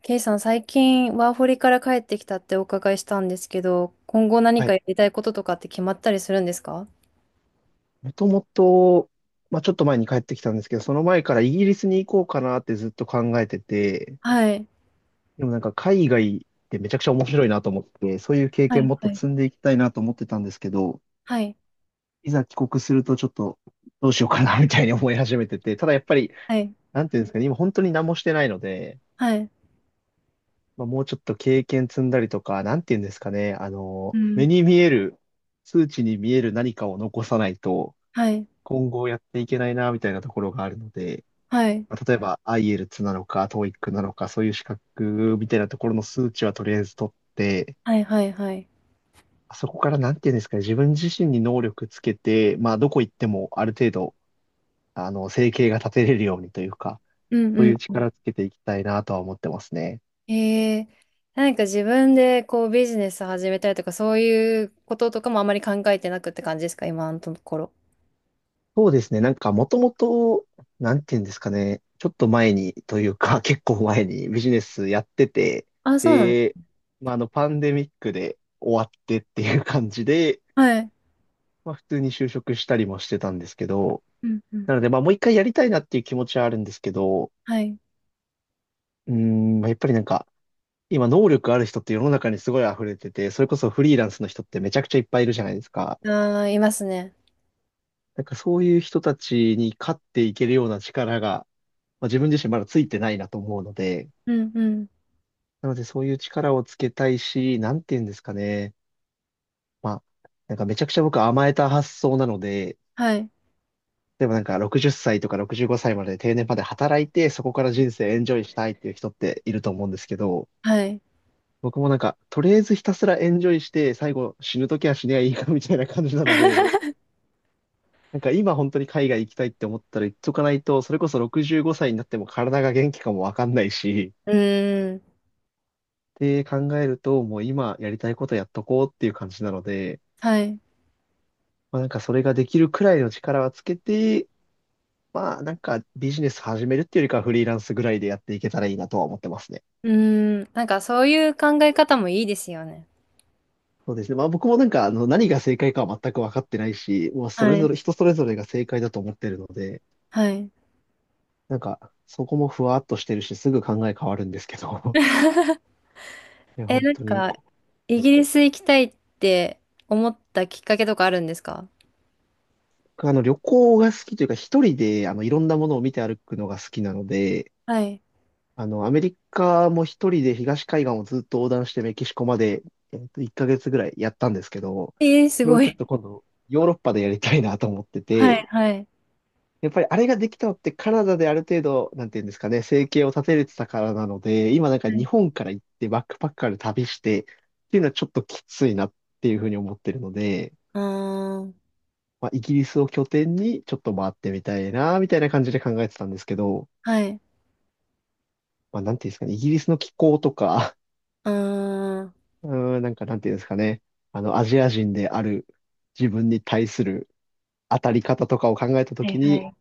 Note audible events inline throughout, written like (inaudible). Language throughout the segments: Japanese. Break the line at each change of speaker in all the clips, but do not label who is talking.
ケイさん、最近ワーホリから帰ってきたってお伺いしたんですけど、今後何
は
か
い。
やりたいこととかって決まったりするんですか？
もともと、まあ、ちょっと前に帰ってきたんですけど、その前からイギリスに行こうかなってずっと考えてて、
はい。
でもなんか海外ってめちゃくちゃ面白いなと思って、そういう経
は
験
い。
もっと
はい。
積んでいきたいなと思ってたんですけど、
はい。
いざ帰国するとちょっとどうしようかなみたいに思い始めてて、ただやっぱり、
はい。
なんていうんですかね、今本当に何もしてないので、
はい。
まあ、もうちょっと経験積んだりとか、なんていうんですかね、
う
目
ん。
に見える、数値に見える何かを残さないと、
はい。
今後やっていけないなみたいなところがあるので、
はい。
まあ例えば i e l t なのか TOEIC なのか、そういう資格みたいなところの数値はとりあえず取って、
はい。はい。はい。
そこからなんていうんですかね、自分自身に能力つけて、まあどこ行ってもある程度、生計が立てれるようにというか、
うんう
そうい
ん
う
うん。
力つけていきたいなとは思ってますね。
えー、何か自分でこうビジネス始めたりとか、そういうこととかもあまり考えてなくって感じですか、今のところ。
そうですね、なんかもともと、なんていうんですかね、ちょっと前にというか、(laughs) 結構前にビジネスやってて、
あ、そうなの？
で、まああのパンデミックで終わってっていう感じで、
はい。
まあ普通に就職したりもしてたんですけど、
うんうん。
なのでまあもう一回やりたいなっていう気持ちはあるんですけど、
はい。
うーん、まあやっぱりなんか、今能力ある人って世の中にすごい溢れてて、それこそフリーランスの人ってめちゃくちゃいっぱいいるじゃないですか。
あー、いますね。
なんかそういう人たちに勝っていけるような力が、まあ、自分自身まだついてないなと思うので、
うんうん。
なのでそういう力をつけたいし、なんて言うんですかね。まあ、なんかめちゃくちゃ僕甘えた発想なので、
はい。
でもなんか60歳とか65歳まで定年まで働いて、そこから人生エンジョイしたいっていう人っていると思うんですけど、
はい。
僕もなんか、とりあえずひたすらエンジョイして、最後死ぬときは死ねばいいかみたいな感じなので、
(laughs)
なんか今本当に海外行きたいって思ったら行っとかないと、それこそ65歳になっても体が元気かもわかんないし、
うーん。
って考えると、もう今やりたいことやっとこうっていう感じなので、
はい。
まあなんかそれができるくらいの力はつけて、まあなんかビジネス始めるっていうよりかはフリーランスぐらいでやっていけたらいいなとは思ってますね。
うーん、なんかそういう考え方もいいですよね。
そうですね。まあ僕もなんか、何が正解かは全く分かってないし、もうそれ
は
ぞ
い。
れ、人それぞれが正解だと思ってるので、
はい。
なんか、そこもふわっとしてるし、すぐ考え変わるんですけど、(laughs) いや、
え、
本
なん
当に、
か、イ
はい。
ギリス行きたいって思ったきっかけとかあるんですか？
僕旅行が好きというか、一人で、いろんなものを見て歩くのが好きなので、
はい。
アメリカも一人で東海岸をずっと横断してメキシコまで、1ヶ月ぐらいやったんですけど、
えー、す
それを
ご
ちょっ
い。
と今度、ヨーロッパでやりたいなと思って
はい、
て、
はい。
やっぱりあれができたのってカナダである程度、なんていうんですかね、生計を立てれてたからなので、今なんか
は
日
い。
本から行ってバックパッカーで旅してっていうのはちょっときついなっていうふうに思ってるので、
うーん、
まあ、イギリスを拠点にちょっと回ってみたいな、みたいな感じで考えてたんですけど、
はい。
まあ、なんていうんですかね、イギリスの気候とか、
うーん、は
(laughs) うーん、なんかなんていうんですかね、アジア人である自分に対する当たり方とかを考えたとき
い、は
に、
い。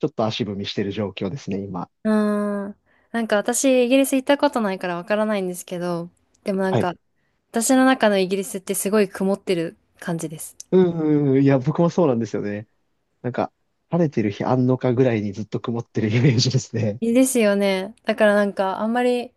ちょっと足踏みしてる状況ですね、今。
うーん、なんか私、イギリス行ったことないからわからないんですけど、でもなん
はい。
か、私の中のイギリスってすごい曇ってる感じです。
うんうんうん、いや、僕もそうなんですよね。なんか、晴れてる日あんのかぐらいにずっと曇ってるイメージですね。
いいですよね。だからなんか、あんまり、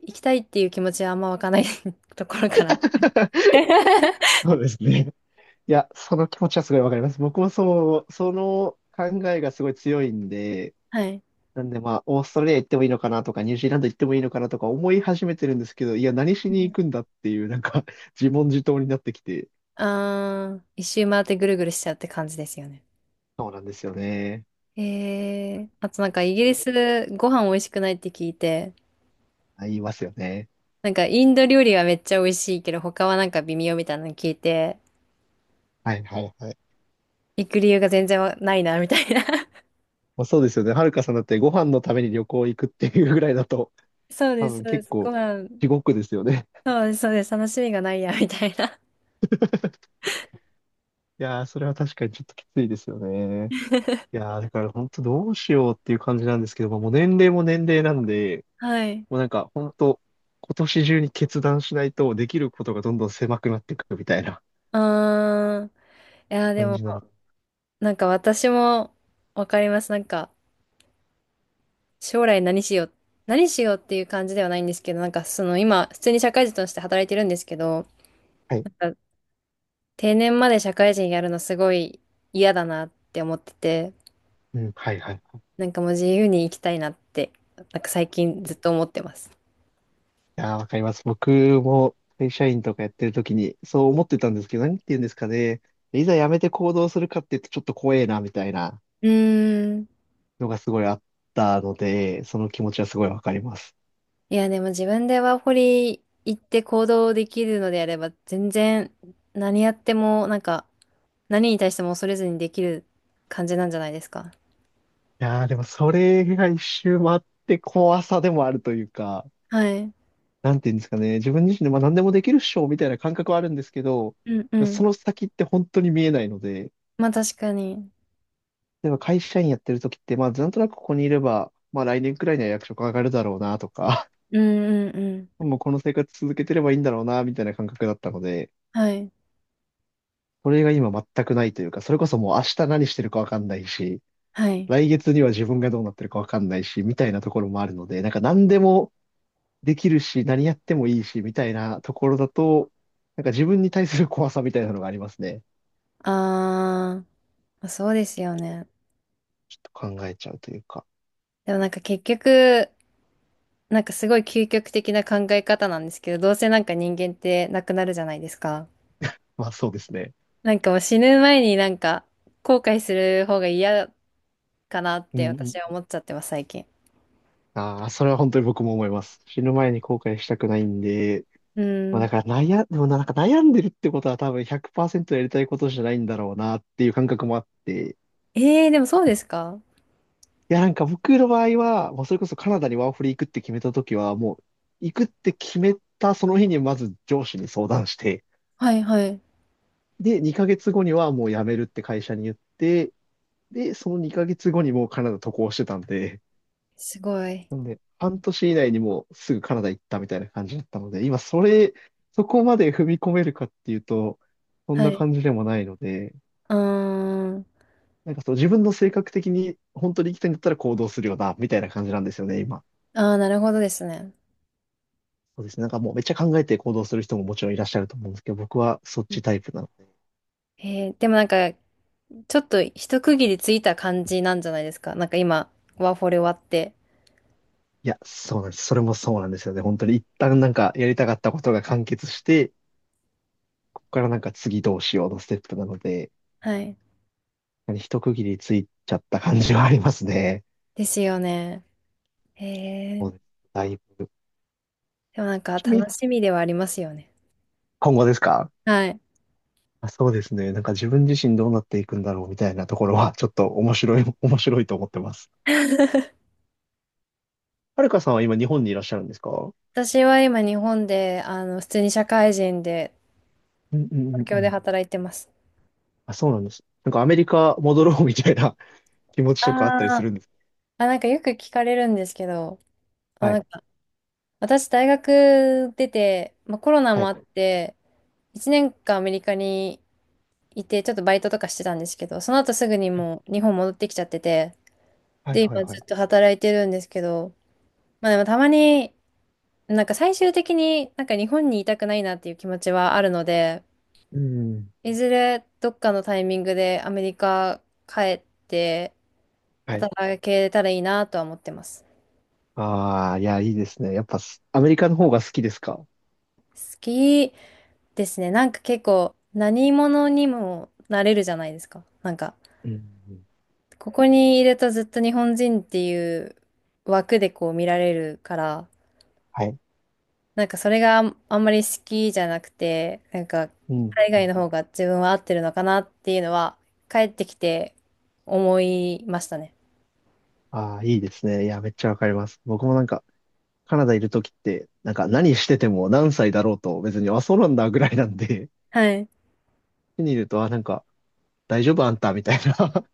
行きたいっていう気持ちはあんまわかんない (laughs) ところから。
(laughs)
(laughs)
そうですね。いや、その気持ちはすごいわかります。僕もそう、その考えがすごい強いんで、
はい。
なんでまあ、オーストラリア行ってもいいのかなとか、ニュージーランド行ってもいいのかなとか思い始めてるんですけど、いや、何しに行くんだっていう、なんか自問自答になってきて、
あー、一周回ってぐるぐるしちゃうって感じですよね。
そうなんですよね。
あとなんかイギリスご飯美味しくないって聞いて、
あ、言いますよね。
なんかインド料理はめっちゃ美味しいけど他はなんか微妙みたいなの聞いて、
はいはいはい。
行く理由が全然わないなみたいな。(laughs)
まあ、そうですよね。はるかさんだってご飯のために旅行行くっていうぐらいだと、
そうで
多
す、
分
そうで
結
す。ご
構
飯、
地獄ですよね。
そうです、そうです。楽しみがないやみたいな。
いやー、それは確かにちょっときついですよね。
(laughs)
いやー、だから本当どうしようっていう感じなんですけども、もう年齢も年齢なんで、
はい。
もうなんか本当今年中に決断しないとできることがどんどん狭くなっていくみたいな
あー、いやーで
感
も
じなの。
なんか私もわかります。なんか将来何しよう、何しようっていう感じではないんですけど、なんかその今、普通に社会人として働いてるんですけど、
はい。
なんか定年まで社会人やるのすごい嫌だなって思ってて、
うん、はい、はい。い
なんかもう自由に生きたいなって、なんか最近ずっと思ってます。
やー、わかります。僕も会社員とかやってる時にそう思ってたんですけど、何て言うんですかね。いざ辞めて行動するかって言うとちょっと怖えな、みたいな
うーん。
のがすごいあったので、その気持ちはすごいわかります。
いや、でも自分でワーホリ行って行動できるのであれば、全然何やっても、なんか何に対しても恐れずにできる感じなんじゃないですか。
やー、でもそれが一周回って怖さでもあるというか、
はい。
なんていうんですかね、自分自身でまあ何でもできるっしょみたいな感覚はあるんですけど、
うんう
そ
ん。
の先って本当に見えないので、
まあ確かに。
例えば会社員やってる時って、まあなんとなくここにいれば、まあ来年くらいには役職上がるだろうなとか、
うんうんうん。
(laughs) もうこの生活続けてればいいんだろうなみたいな感覚だったので、
はい。
それが今全くないというか、それこそもう明日何してるかわかんないし、
はい。
来月には自分がどうなってるかわかんないし、みたいなところもあるので、なんか何でも、できるし、何やってもいいし、みたいなところだと、なんか自分に対する怖さみたいなのがありますね。
あー、まあ、そうですよね。
と考えちゃうというか。
でもなんか結局、なんかすごい究極的な考え方なんですけど、どうせなんか人間ってなくなるじゃないですか。
まあそうですね。
なんかもう死ぬ前になんか後悔する方が嫌かなっ
う
て
んう
私は
ん。
思っちゃってます、最近。
ああ、それは本当に僕も思います。死ぬ前に後悔したくないんで、
う
まあだ
ん。
からでもなんか悩んでるってことは多分100%やりたいことじゃないんだろうなっていう感覚もあって、
でもそうですか？
いやなんか僕の場合は、もうそれこそカナダにワーホリ行くって決めた時は、もう行くって決めたその日にまず上司に相談して、
はいはい。
で、2ヶ月後にはもう辞めるって会社に言って、で、その2ヶ月後にもうカナダ渡航してたんで、
すごい。
なんで、半年以内にもうすぐカナダ行ったみたいな感じだったので、今それ、そこまで踏み込めるかっていうと、そん
は
な
い。
感じでもないので、
うーん。
なんかそう自分の性格的に本当に行きたいんだったら行動するよな、みたいな感じなんですよね、今。
ああ、なるほどですね。
そうですね。なんかもうめっちゃ考えて行動する人ももちろんいらっしゃると思うんですけど、僕はそっちタイプなので。
でもなんかちょっと一区切りついた感じなんじゃないですか。なんか今、ワーホリ終わって。
いや、そうなんです。それもそうなんですよね。本当に一旦なんかやりたかったことが完結して、こからなんか次どうしようのステップなので、
はい。
一区切りついちゃった感じはありますね。
ですよね。へ
そう
え。
です。だいぶ。
でもなんか
ちなみに、
楽しみではありますよね。
今後ですか？
はい。
あ、そうですね。なんか自分自身どうなっていくんだろうみたいなところは、(laughs) ちょっと面白い、面白いと思ってます。
(laughs)
はるかさんは今日本にいらっしゃるんですか？う
私は今日本で、あの、普通に社会人で、
んうんう
東
んう
京で
ん。
働いてます。
あ、そうなんです。なんかアメリカ戻ろうみたいな (laughs) 気持ちとかあったりす
あー、
るんですか？
あ、なんかよく聞かれるんですけど、あ、
は
な
い。
んか私大学出て、まあ、コロナ
は
もあ
い。
って、1年間アメリカにいて、ちょっとバイトとかしてたんですけど、その後すぐにもう日本戻ってきちゃってて、
はい
で、
はい
今
は
ず
い。
っと働いてるんですけど、まあでもたまに、なんか最終的になんか日本にいたくないなっていう気持ちはあるので、
うん。
いずれどっかのタイミングでアメリカ帰って
はい。
働けたらいいなとは思ってます。
ああ、いや、いいですね。やっぱす、アメリカの方が好きですか？
好きですね。なんか結構何者にもなれるじゃないですか。なんか、
うんうん。
ここにいるとずっと日本人っていう枠でこう見られるから、
はい。
なんかそれがあんあんまり好きじゃなくて、なんか
うん。
海外の方が自分は合ってるのかなっていうのは帰ってきて思いましたね。
ああ、いいですね。いや、めっちゃわかります。僕もなんか、カナダいるときって、なんか何してても何歳だろうと、別に、あ、そうなんだぐらいなんで、
はい。
(laughs) 家にいると、あ、なんか、大丈夫あんたみたいな。(laughs)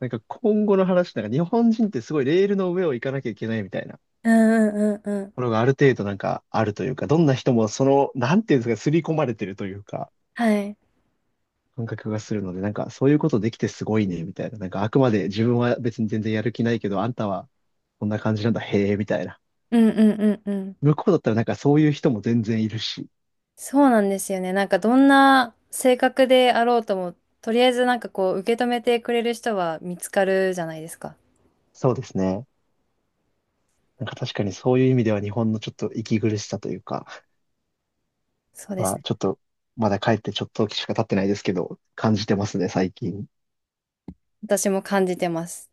なんか今後の話、なんか日本人ってすごいレールの上を行かなきゃいけないみたいなと
うんうんうんうん。
ころがある程度なんかあるというか、どんな人もその、なんていうんですか、刷り込まれてるというか、
はい。
感覚がするので、なんかそういうことできてすごいね、みたいな。なんかあくまで自分は別に全然やる気ないけど、あんたはこんな感じなんだ、へえ、みたいな。
うんうんうんうん。
向こうだったらなんかそういう人も全然いるし。
そうなんですよね。なんかどんな性格であろうとも、とりあえずなんかこう受け止めてくれる人は見つかるじゃないですか。
そうですね。なんか確かにそういう意味では日本のちょっと息苦しさというか、
そうで
ま
す
あ
ね。
ちょっとまだ帰ってちょっと時しか経ってないですけど、感じてますね、最近。
私も感じてます。